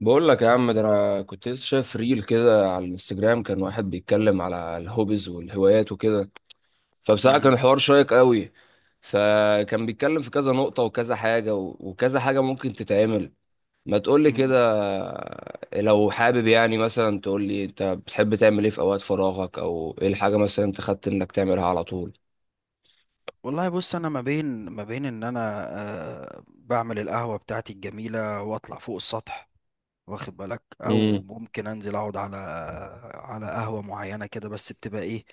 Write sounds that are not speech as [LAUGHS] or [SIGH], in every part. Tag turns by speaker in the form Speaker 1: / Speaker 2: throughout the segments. Speaker 1: بقول لك يا عم ده انا كنت لسه شايف ريل كده على الانستجرام. كان واحد بيتكلم على الهوبيز والهوايات وكده، فبصراحه كان
Speaker 2: مم.
Speaker 1: الحوار شيق قوي. فكان بيتكلم في كذا نقطه وكذا حاجه وكذا حاجه ممكن تتعمل. ما تقول لي
Speaker 2: مم.
Speaker 1: كده، لو حابب يعني مثلا تقول لي انت بتحب تعمل ايه في اوقات فراغك، او ايه الحاجه مثلا انت خدت انك تعملها على طول.
Speaker 2: والله بص انا ما بين ان انا بعمل القهوه بتاعتي الجميله واطلع فوق السطح. واخد بالك، او
Speaker 1: امم
Speaker 2: ممكن انزل اقعد على قهوه معينه كده، بس بتبقى ايه؟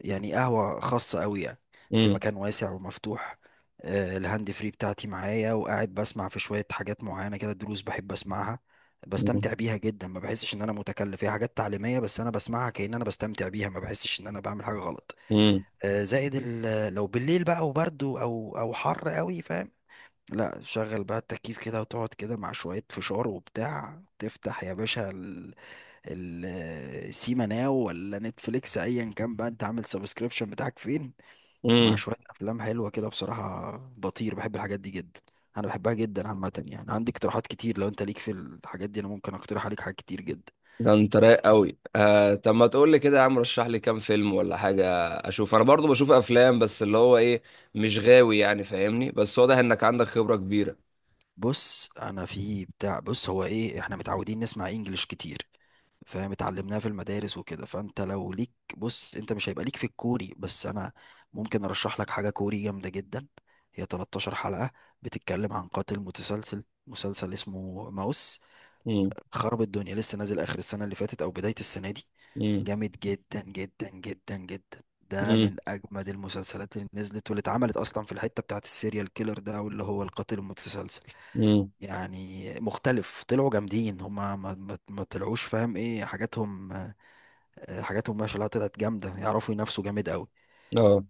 Speaker 2: يعني قهوه خاصه قوي يعني، في مكان واسع ومفتوح. الهاند فري بتاعتي معايا وقاعد بسمع في شويه حاجات معينه كده، دروس بحب اسمعها.
Speaker 1: امم
Speaker 2: بستمتع بيها جدا، ما بحسش ان انا متكلف. هي حاجات تعليميه بس انا بسمعها كأن انا بستمتع بيها، ما بحسش ان انا بعمل حاجه غلط. زائد لو بالليل بقى وبرد او حر قوي فاهم. لا، شغل بقى التكييف كده وتقعد كده مع شوية فشار وبتاع، تفتح يا باشا ال- السيما ناو ولا نتفليكس، ايا كان بقى انت عامل سبسكريبشن بتاعك فين، مع
Speaker 1: امم
Speaker 2: شوية افلام حلوة كده. بصراحة بطير، بحب الحاجات دي جدا. انا بحبها جدا عامة، يعني عندي اقتراحات كتير. لو انت ليك في الحاجات دي انا ممكن اقترح عليك حاجات كتير جدا.
Speaker 1: ده انت رايق قوي آه. طب ما تقول لي كده يا عم، رشح لي كام فيلم ولا حاجه اشوف. انا برضو بشوف افلام بس اللي هو ايه، مش غاوي يعني فاهمني، بس واضح انك عندك خبره كبيره.
Speaker 2: بص، انا في بتاع، بص هو ايه، احنا متعودين نسمع انجليش كتير فاهم، اتعلمناها في المدارس وكده، فانت لو ليك، بص، انت مش هيبقى ليك في الكوري، بس انا ممكن ارشح لك حاجة كوري جامدة جدا. هي 13 حلقة، بتتكلم عن قاتل متسلسل، مسلسل اسمه ماوس.
Speaker 1: امم
Speaker 2: خرب الدنيا، لسه نازل اخر السنة اللي فاتت او بداية السنة دي.
Speaker 1: امم
Speaker 2: جامد جدا جدا جدا جدا. ده
Speaker 1: امم
Speaker 2: من اجمد المسلسلات اللي نزلت واللي اتعملت اصلا في الحتة بتاعت السيريال كيلر ده، او اللي هو القاتل المتسلسل.
Speaker 1: امم
Speaker 2: يعني مختلف، طلعوا جامدين هما. ما طلعوش فاهم ايه حاجاتهم. حاجاتهم ما شاء الله طلعت جامده، يعرفوا ينافسوا جامد قوي.
Speaker 1: اه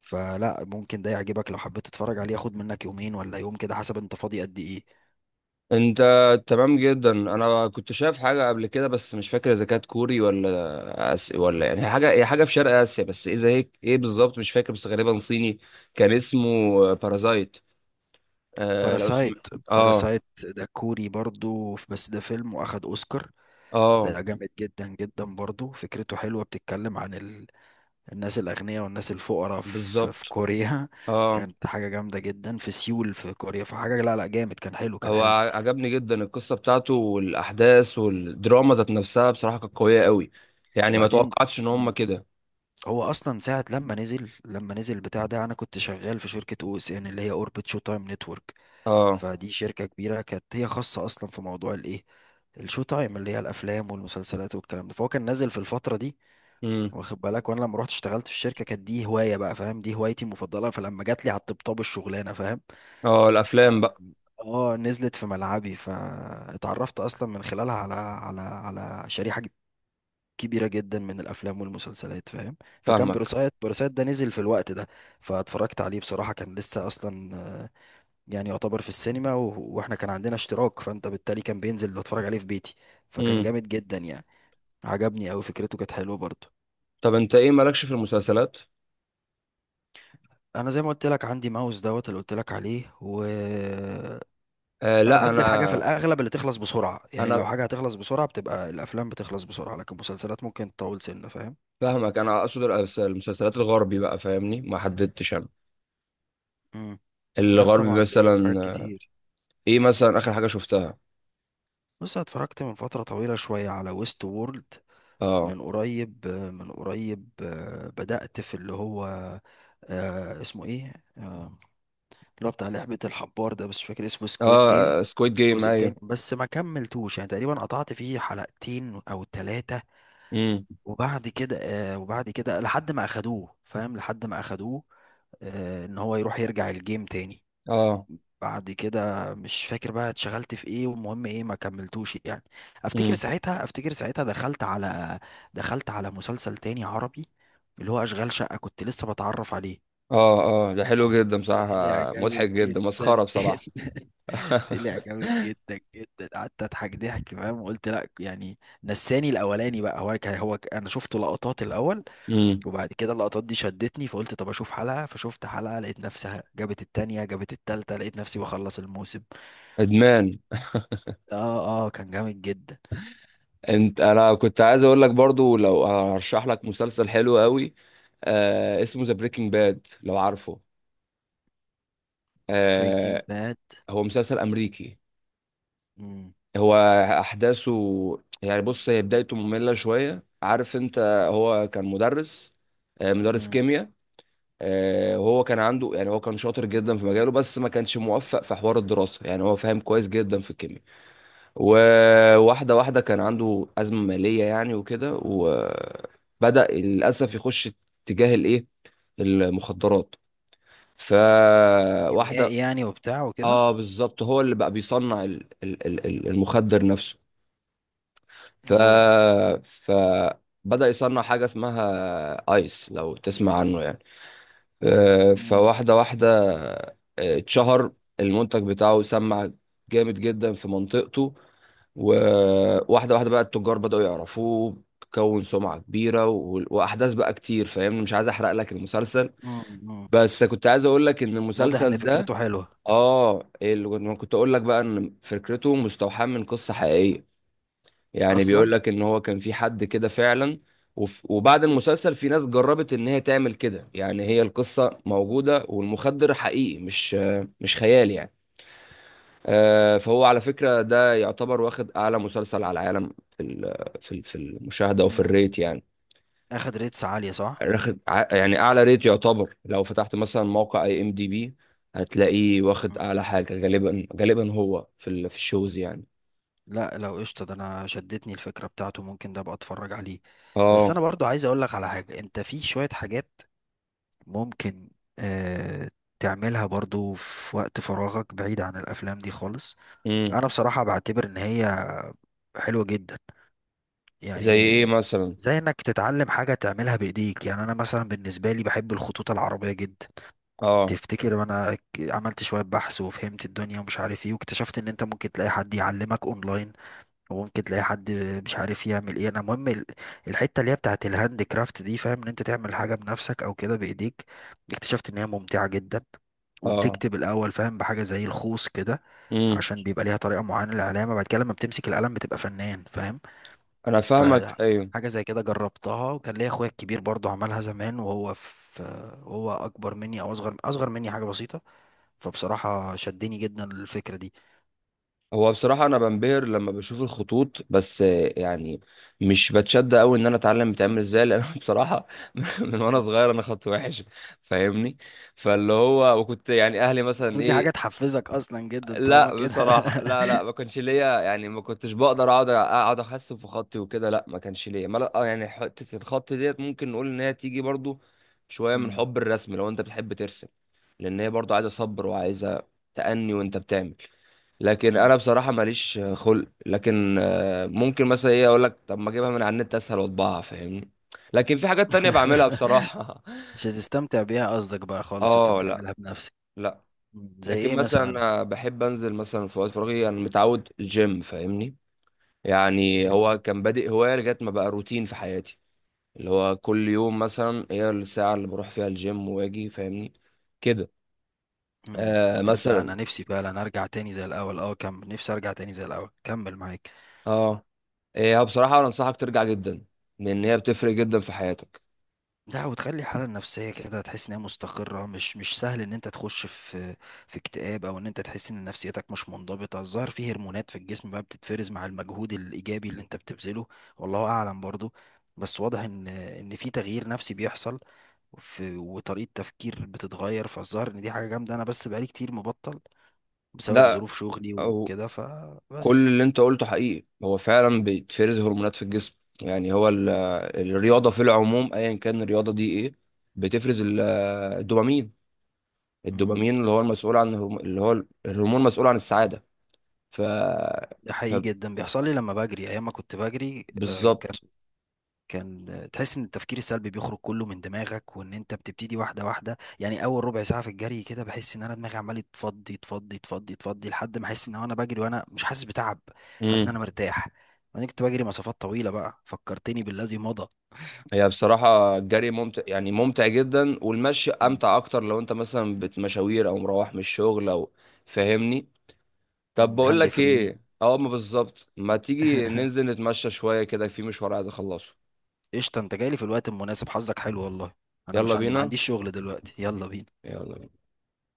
Speaker 2: فلا، ممكن ده يعجبك لو حبيت تتفرج عليه، ياخد منك يومين ولا يوم كده حسب انت فاضي قد ايه.
Speaker 1: انت تمام جدا. انا كنت شايف حاجه قبل كده بس مش فاكر اذا كانت كوري ولا يعني هي حاجه هي حاجه في شرق اسيا، بس اذا هيك ايه إيه بالظبط مش فاكر، بس غالبا صيني. كان اسمه بارازايت. آه لو اسم.
Speaker 2: باراسايت.
Speaker 1: اه.
Speaker 2: باراسايت ده كوري برضو، بس ده فيلم واخد اوسكار.
Speaker 1: اه
Speaker 2: ده جامد جدا جدا برضو، فكرته حلوه. بتتكلم عن الناس الاغنياء والناس الفقراء في
Speaker 1: بالظبط.
Speaker 2: كوريا. [LAUGHS]
Speaker 1: اه
Speaker 2: كانت حاجه جامده جدا في سيول في كوريا. فحاجه، لا لا، جامد، كان حلو كان
Speaker 1: هو
Speaker 2: حلو.
Speaker 1: عجبني جدا القصه بتاعته والاحداث والدراما ذات نفسها، بصراحه كانت قويه قوي. يعني ما
Speaker 2: وبعدين،
Speaker 1: توقعتش ان هم كده.
Speaker 2: هو اصلا ساعه لما نزل البتاع ده، انا كنت شغال في شركه او اس ان، اللي هي اوربت شو تايم نتورك.
Speaker 1: اه.
Speaker 2: فدي شركه كبيره، كانت هي خاصه اصلا في موضوع الايه، الشو تايم، اللي هي الافلام والمسلسلات والكلام ده. فهو كان نازل في الفتره دي،
Speaker 1: امم
Speaker 2: واخد بالك. وانا لما رحت اشتغلت في الشركه، كانت دي هوايه بقى فاهم، دي هوايتي المفضله، فلما جات لي على الطبطاب الشغلانه فاهم،
Speaker 1: اه الافلام بقى.
Speaker 2: اه، نزلت في ملعبي. فاتعرفت اصلا من خلالها على شريحه كبيرة جدا من الأفلام والمسلسلات فاهم. فكان
Speaker 1: فاهمك.
Speaker 2: باراسايت، باراسايت ده نزل في الوقت ده، فاتفرجت عليه. بصراحة كان لسه أصلا يعني يعتبر في السينما، وإحنا كان عندنا اشتراك، فأنت بالتالي كان بينزل بتفرج عليه في بيتي. فكان
Speaker 1: امم
Speaker 2: جامد جدا يعني، عجبني أوي، فكرته كانت حلوة برضه.
Speaker 1: طب انت ايه مالكش في المسلسلات؟
Speaker 2: أنا زي ما قلت لك، عندي ماوس دوت اللي قلت لك عليه، و
Speaker 1: آه
Speaker 2: أنا
Speaker 1: لا
Speaker 2: بحب الحاجة في
Speaker 1: انا.
Speaker 2: الأغلب اللي تخلص بسرعة. يعني
Speaker 1: انا
Speaker 2: لو حاجة هتخلص بسرعة بتبقى الأفلام، بتخلص بسرعة، لكن المسلسلات ممكن تطول سنة فاهم.
Speaker 1: فاهمك، انا اقصد المسلسلات الغربي بقى فاهمني، ما حددتش انا
Speaker 2: مم. لا
Speaker 1: الغربي،
Speaker 2: طبعا، ليا في حاجات
Speaker 1: مثلا
Speaker 2: كتير.
Speaker 1: ايه مثلا اخر حاجه شفتها؟
Speaker 2: بص، أنا اتفرجت من فترة طويلة شوية على ويست وورلد.
Speaker 1: اه.
Speaker 2: من قريب، بدأت في اللي هو اسمه ايه، اللي هو بتاع لعبة الحبار ده، بس مش فاكر اسمه، سكويد جيم.
Speaker 1: اه سكويد جيم
Speaker 2: الجزء التاني،
Speaker 1: ايوه.
Speaker 2: بس ما كملتوش، يعني تقريبا قطعت فيه حلقتين او ثلاثة،
Speaker 1: امم
Speaker 2: وبعد كده وبعد كده لحد ما اخدوه فاهم، لحد ما اخدوه ان هو يروح يرجع الجيم تاني.
Speaker 1: اه.
Speaker 2: بعد كده مش فاكر بقى اتشغلت في ايه، والمهم ايه ما كملتوش يعني. افتكر
Speaker 1: امم
Speaker 2: ساعتها افتكر ساعتها دخلت على مسلسل تاني عربي، اللي هو اشغال شقة، كنت لسه بتعرف عليه.
Speaker 1: اه. اه ده حلو جدا بصراحه،
Speaker 2: طلع جامد
Speaker 1: مضحك جدا مسخره
Speaker 2: جدا
Speaker 1: بصراحه.
Speaker 2: جدا. [LAUGHS] طلع جامد جدا جدا، قعدت اضحك ضحك فاهم. وقلت لا يعني، نساني الاولاني بقى. هو كان انا شفت لقطات الاول،
Speaker 1: امم
Speaker 2: وبعد كده اللقطات دي شدتني، فقلت طب اشوف حلقة، فشفت حلقة لقيت نفسها جابت التانية، جابت التالتة، لقيت نفسي بخلص الموسم.
Speaker 1: ادمان.
Speaker 2: اه اه، كان جامد جدا.
Speaker 1: انت انا كنت عايز اقول لك برضو، لو هرشح لك مسلسل حلو قوي آه، اسمه ذا بريكنج باد لو عارفه.
Speaker 2: بريكنج
Speaker 1: آه.
Speaker 2: باد.
Speaker 1: هو مسلسل امريكي. هو احداثه، يعني بص هي بدايته مملة شوية عارف انت. هو كان مدرس، آه مدرس كيمياء. آه وهو كان عنده يعني هو كان شاطر جدا في مجاله، بس ما كانش موفق في حوار الدراسة، يعني هو فاهم كويس جدا في الكيمياء. وواحدة واحدة كان عنده أزمة مالية يعني وكده، وبدأ للأسف يخش اتجاه الإيه، المخدرات. فواحدة.
Speaker 2: كيميائي يعني، وبتاع وكده.
Speaker 1: اه بالظبط، هو اللي بقى بيصنع المخدر نفسه. ف
Speaker 2: اوه.
Speaker 1: فبدأ يصنع حاجة اسمها آيس لو تسمع عنه يعني.
Speaker 2: مم.
Speaker 1: فواحدة واحدة آه، اتشهر المنتج بتاعه، سمع جامد جدا في منطقته. وواحدة واحدة بقى التجار بدأوا يعرفوه، كون سمعة كبيرة وأحداث بقى كتير فاهمني، مش عايز أحرق لك المسلسل.
Speaker 2: مم. مم.
Speaker 1: بس كنت عايز أقول لك إن
Speaker 2: واضح ان
Speaker 1: المسلسل ده
Speaker 2: فكرته حلوة
Speaker 1: آه، اللي كنت أقول لك بقى، إن فكرته مستوحاة من قصة حقيقية. يعني
Speaker 2: اصلا.
Speaker 1: بيقول لك ان هو كان في حد كده فعلا. وبعد المسلسل في ناس جربت ان هي تعمل كده، يعني هي القصة موجودة والمخدر حقيقي، مش خيال يعني. فهو على فكرة ده يعتبر واخد اعلى مسلسل على العالم في المشاهدة وفي
Speaker 2: مم.
Speaker 1: الريت يعني.
Speaker 2: اخد ريتس عالية صح؟
Speaker 1: واخد يعني اعلى ريت يعتبر، لو فتحت مثلا موقع اي ام دي بي هتلاقيه واخد
Speaker 2: مم.
Speaker 1: اعلى حاجة، غالبا هو في الشوز يعني.
Speaker 2: لا لو قشطة، ده انا شدتني الفكرة بتاعته، ممكن ده ابقى اتفرج عليه. بس
Speaker 1: اه.
Speaker 2: انا برضو عايز اقول لك على حاجة. انت في شوية حاجات ممكن آه تعملها برضو في وقت فراغك بعيد عن الافلام دي خالص.
Speaker 1: امم
Speaker 2: انا بصراحة بعتبر ان هي حلوة جدا
Speaker 1: زي ايه
Speaker 2: يعني.
Speaker 1: مثلا؟
Speaker 2: زي انك تتعلم حاجة تعملها بايديك، يعني انا مثلا بالنسبة لي بحب الخطوط العربية جدا.
Speaker 1: اه.
Speaker 2: تفتكر وانا عملت شوية بحث وفهمت الدنيا ومش عارف ايه، واكتشفت ان انت ممكن تلاقي حد يعلمك اونلاين، وممكن تلاقي حد مش عارف يعمل ايه. انا مهم الحتة اللي هي بتاعت الهاند كرافت دي فاهم، ان انت تعمل حاجة بنفسك او كده بايديك. اكتشفت ان هي ممتعة جدا،
Speaker 1: اه.
Speaker 2: وبتكتب الاول فاهم بحاجة زي الخوص كده،
Speaker 1: امم
Speaker 2: عشان بيبقى ليها طريقة معينة للعلامة. بعد كده لما بتمسك القلم بتبقى فنان فاهم.
Speaker 1: انا فاهمك
Speaker 2: فحاجة
Speaker 1: ايوه.
Speaker 2: زي كده جربتها، وكان ليا اخويا الكبير برضو عملها زمان، وهو في، وهو اكبر مني او اصغر مني حاجة بسيطة. فبصراحة شدني جدا للفكرة دي.
Speaker 1: هو بصراحه انا بنبهر لما بشوف الخطوط، بس يعني مش بتشد قوي ان انا اتعلم بتعمل ازاي، لان أنا [LAUGHS] بصراحه من وانا صغير انا خط وحش فاهمني. فاللي هو وكنت يعني اهلي مثلا
Speaker 2: المفروض دي حاجة
Speaker 1: ايه،
Speaker 2: تحفزك اصلا جدا طالما
Speaker 1: لا
Speaker 2: كده.
Speaker 1: بصراحة لا لا
Speaker 2: [LAUGHS]
Speaker 1: ما كانش ليا، يعني ما كنتش بقدر اقعد احسن في خطي وكده، لا ما كانش ليا ما لا يعني حتة الخط ديت ممكن نقول ان هي تيجي برضو شوية من
Speaker 2: مم.
Speaker 1: حب الرسم، لو انت بتحب ترسم. لان هي برضو عايزة صبر وعايزة تأني وانت بتعمل. لكن
Speaker 2: مم.
Speaker 1: انا بصراحة ماليش خلق، لكن ممكن مثلا ايه اقول لك طب ما اجيبها من على النت اسهل واطبعها فاهمني. لكن في حاجات تانية بعملها بصراحة
Speaker 2: [LAUGHS]
Speaker 1: [LAUGHS]
Speaker 2: مش هتستمتع بيها قصدك بقى خالص وانت
Speaker 1: اه. لا
Speaker 2: بتعملها بنفسك.
Speaker 1: لا.
Speaker 2: مم. زي
Speaker 1: لكن
Speaker 2: ايه
Speaker 1: مثلا
Speaker 2: مثلا؟
Speaker 1: أنا بحب انزل مثلا في وقت فراغي، انا متعود الجيم فاهمني. يعني هو
Speaker 2: جميل.
Speaker 1: كان بادئ هوايه لغايه ما بقى روتين في حياتي. اللي هو كل يوم مثلا هي الساعه اللي بروح فيها الجيم واجي فاهمني كده.
Speaker 2: امم.
Speaker 1: آه
Speaker 2: تصدق
Speaker 1: مثلا.
Speaker 2: انا نفسي فعلا ارجع تاني زي الاول، اه، كمل، نفسي ارجع تاني زي الاول كمل معاك.
Speaker 1: اه هي بصراحه انا انصحك ترجع جدا، لان هي بتفرق جدا في حياتك.
Speaker 2: لا، وتخلي الحالة النفسية كده تحس إن هي مستقرة. مش سهل إن أنت تخش في اكتئاب، أو إن أنت تحس إن نفسيتك مش منضبطة. الظاهر في هرمونات في الجسم بقى بتتفرز مع المجهود الإيجابي اللي أنت بتبذله، والله أعلم برضو. بس واضح إن في تغيير نفسي بيحصل في، وطريقة تفكير بتتغير. فالظاهر إن دي حاجة جامدة. أنا بس بقالي كتير مبطل بسبب
Speaker 1: لا
Speaker 2: ظروف شغلي
Speaker 1: أو
Speaker 2: وكده فبس.
Speaker 1: كل اللي انت قلته حقيقي، هو فعلا بيتفرز هرمونات في الجسم. يعني هو
Speaker 2: مم.
Speaker 1: الرياضه في العموم ايا كان الرياضه دي ايه بتفرز الدوبامين.
Speaker 2: مم.
Speaker 1: الدوبامين اللي هو المسؤول عن اللي هو الهرمون المسؤول عن السعادة. ف
Speaker 2: ده حقيقي جدا، بيحصل لي لما بجري. أيام ما كنت بجري
Speaker 1: فبالظبط.
Speaker 2: كان تحس ان التفكير السلبي بيخرج كله من دماغك، وان انت بتبتدي واحده واحده. يعني اول ربع ساعه في الجري كده بحس ان انا دماغي عمال تفضي تفضي تفضي تفضي لحد ما احس ان انا بجري وانا مش حاسس بتعب، حاسس ان
Speaker 1: امم
Speaker 2: انا مرتاح. انا كنت بجري مسافات طويله بقى، فكرتني بالذي مضى.
Speaker 1: هي بصراحة الجري ممتع يعني ممتع جدا، والمشي
Speaker 2: مم.
Speaker 1: أمتع أكتر لو أنت مثلا بتمشاوير أو مروح من الشغل أو فاهمني. طب
Speaker 2: مم.
Speaker 1: بقول
Speaker 2: هاند
Speaker 1: لك
Speaker 2: فري.
Speaker 1: إيه أه ما بالظبط، ما تيجي ننزل نتمشى شوية كده في مشوار عايز أخلصه.
Speaker 2: قشطه، انت جاي لي في الوقت المناسب، حظك حلو والله. انا
Speaker 1: يلا
Speaker 2: مش عن... ما
Speaker 1: بينا.
Speaker 2: عنديش شغل دلوقتي، يلا بينا.
Speaker 1: يلا.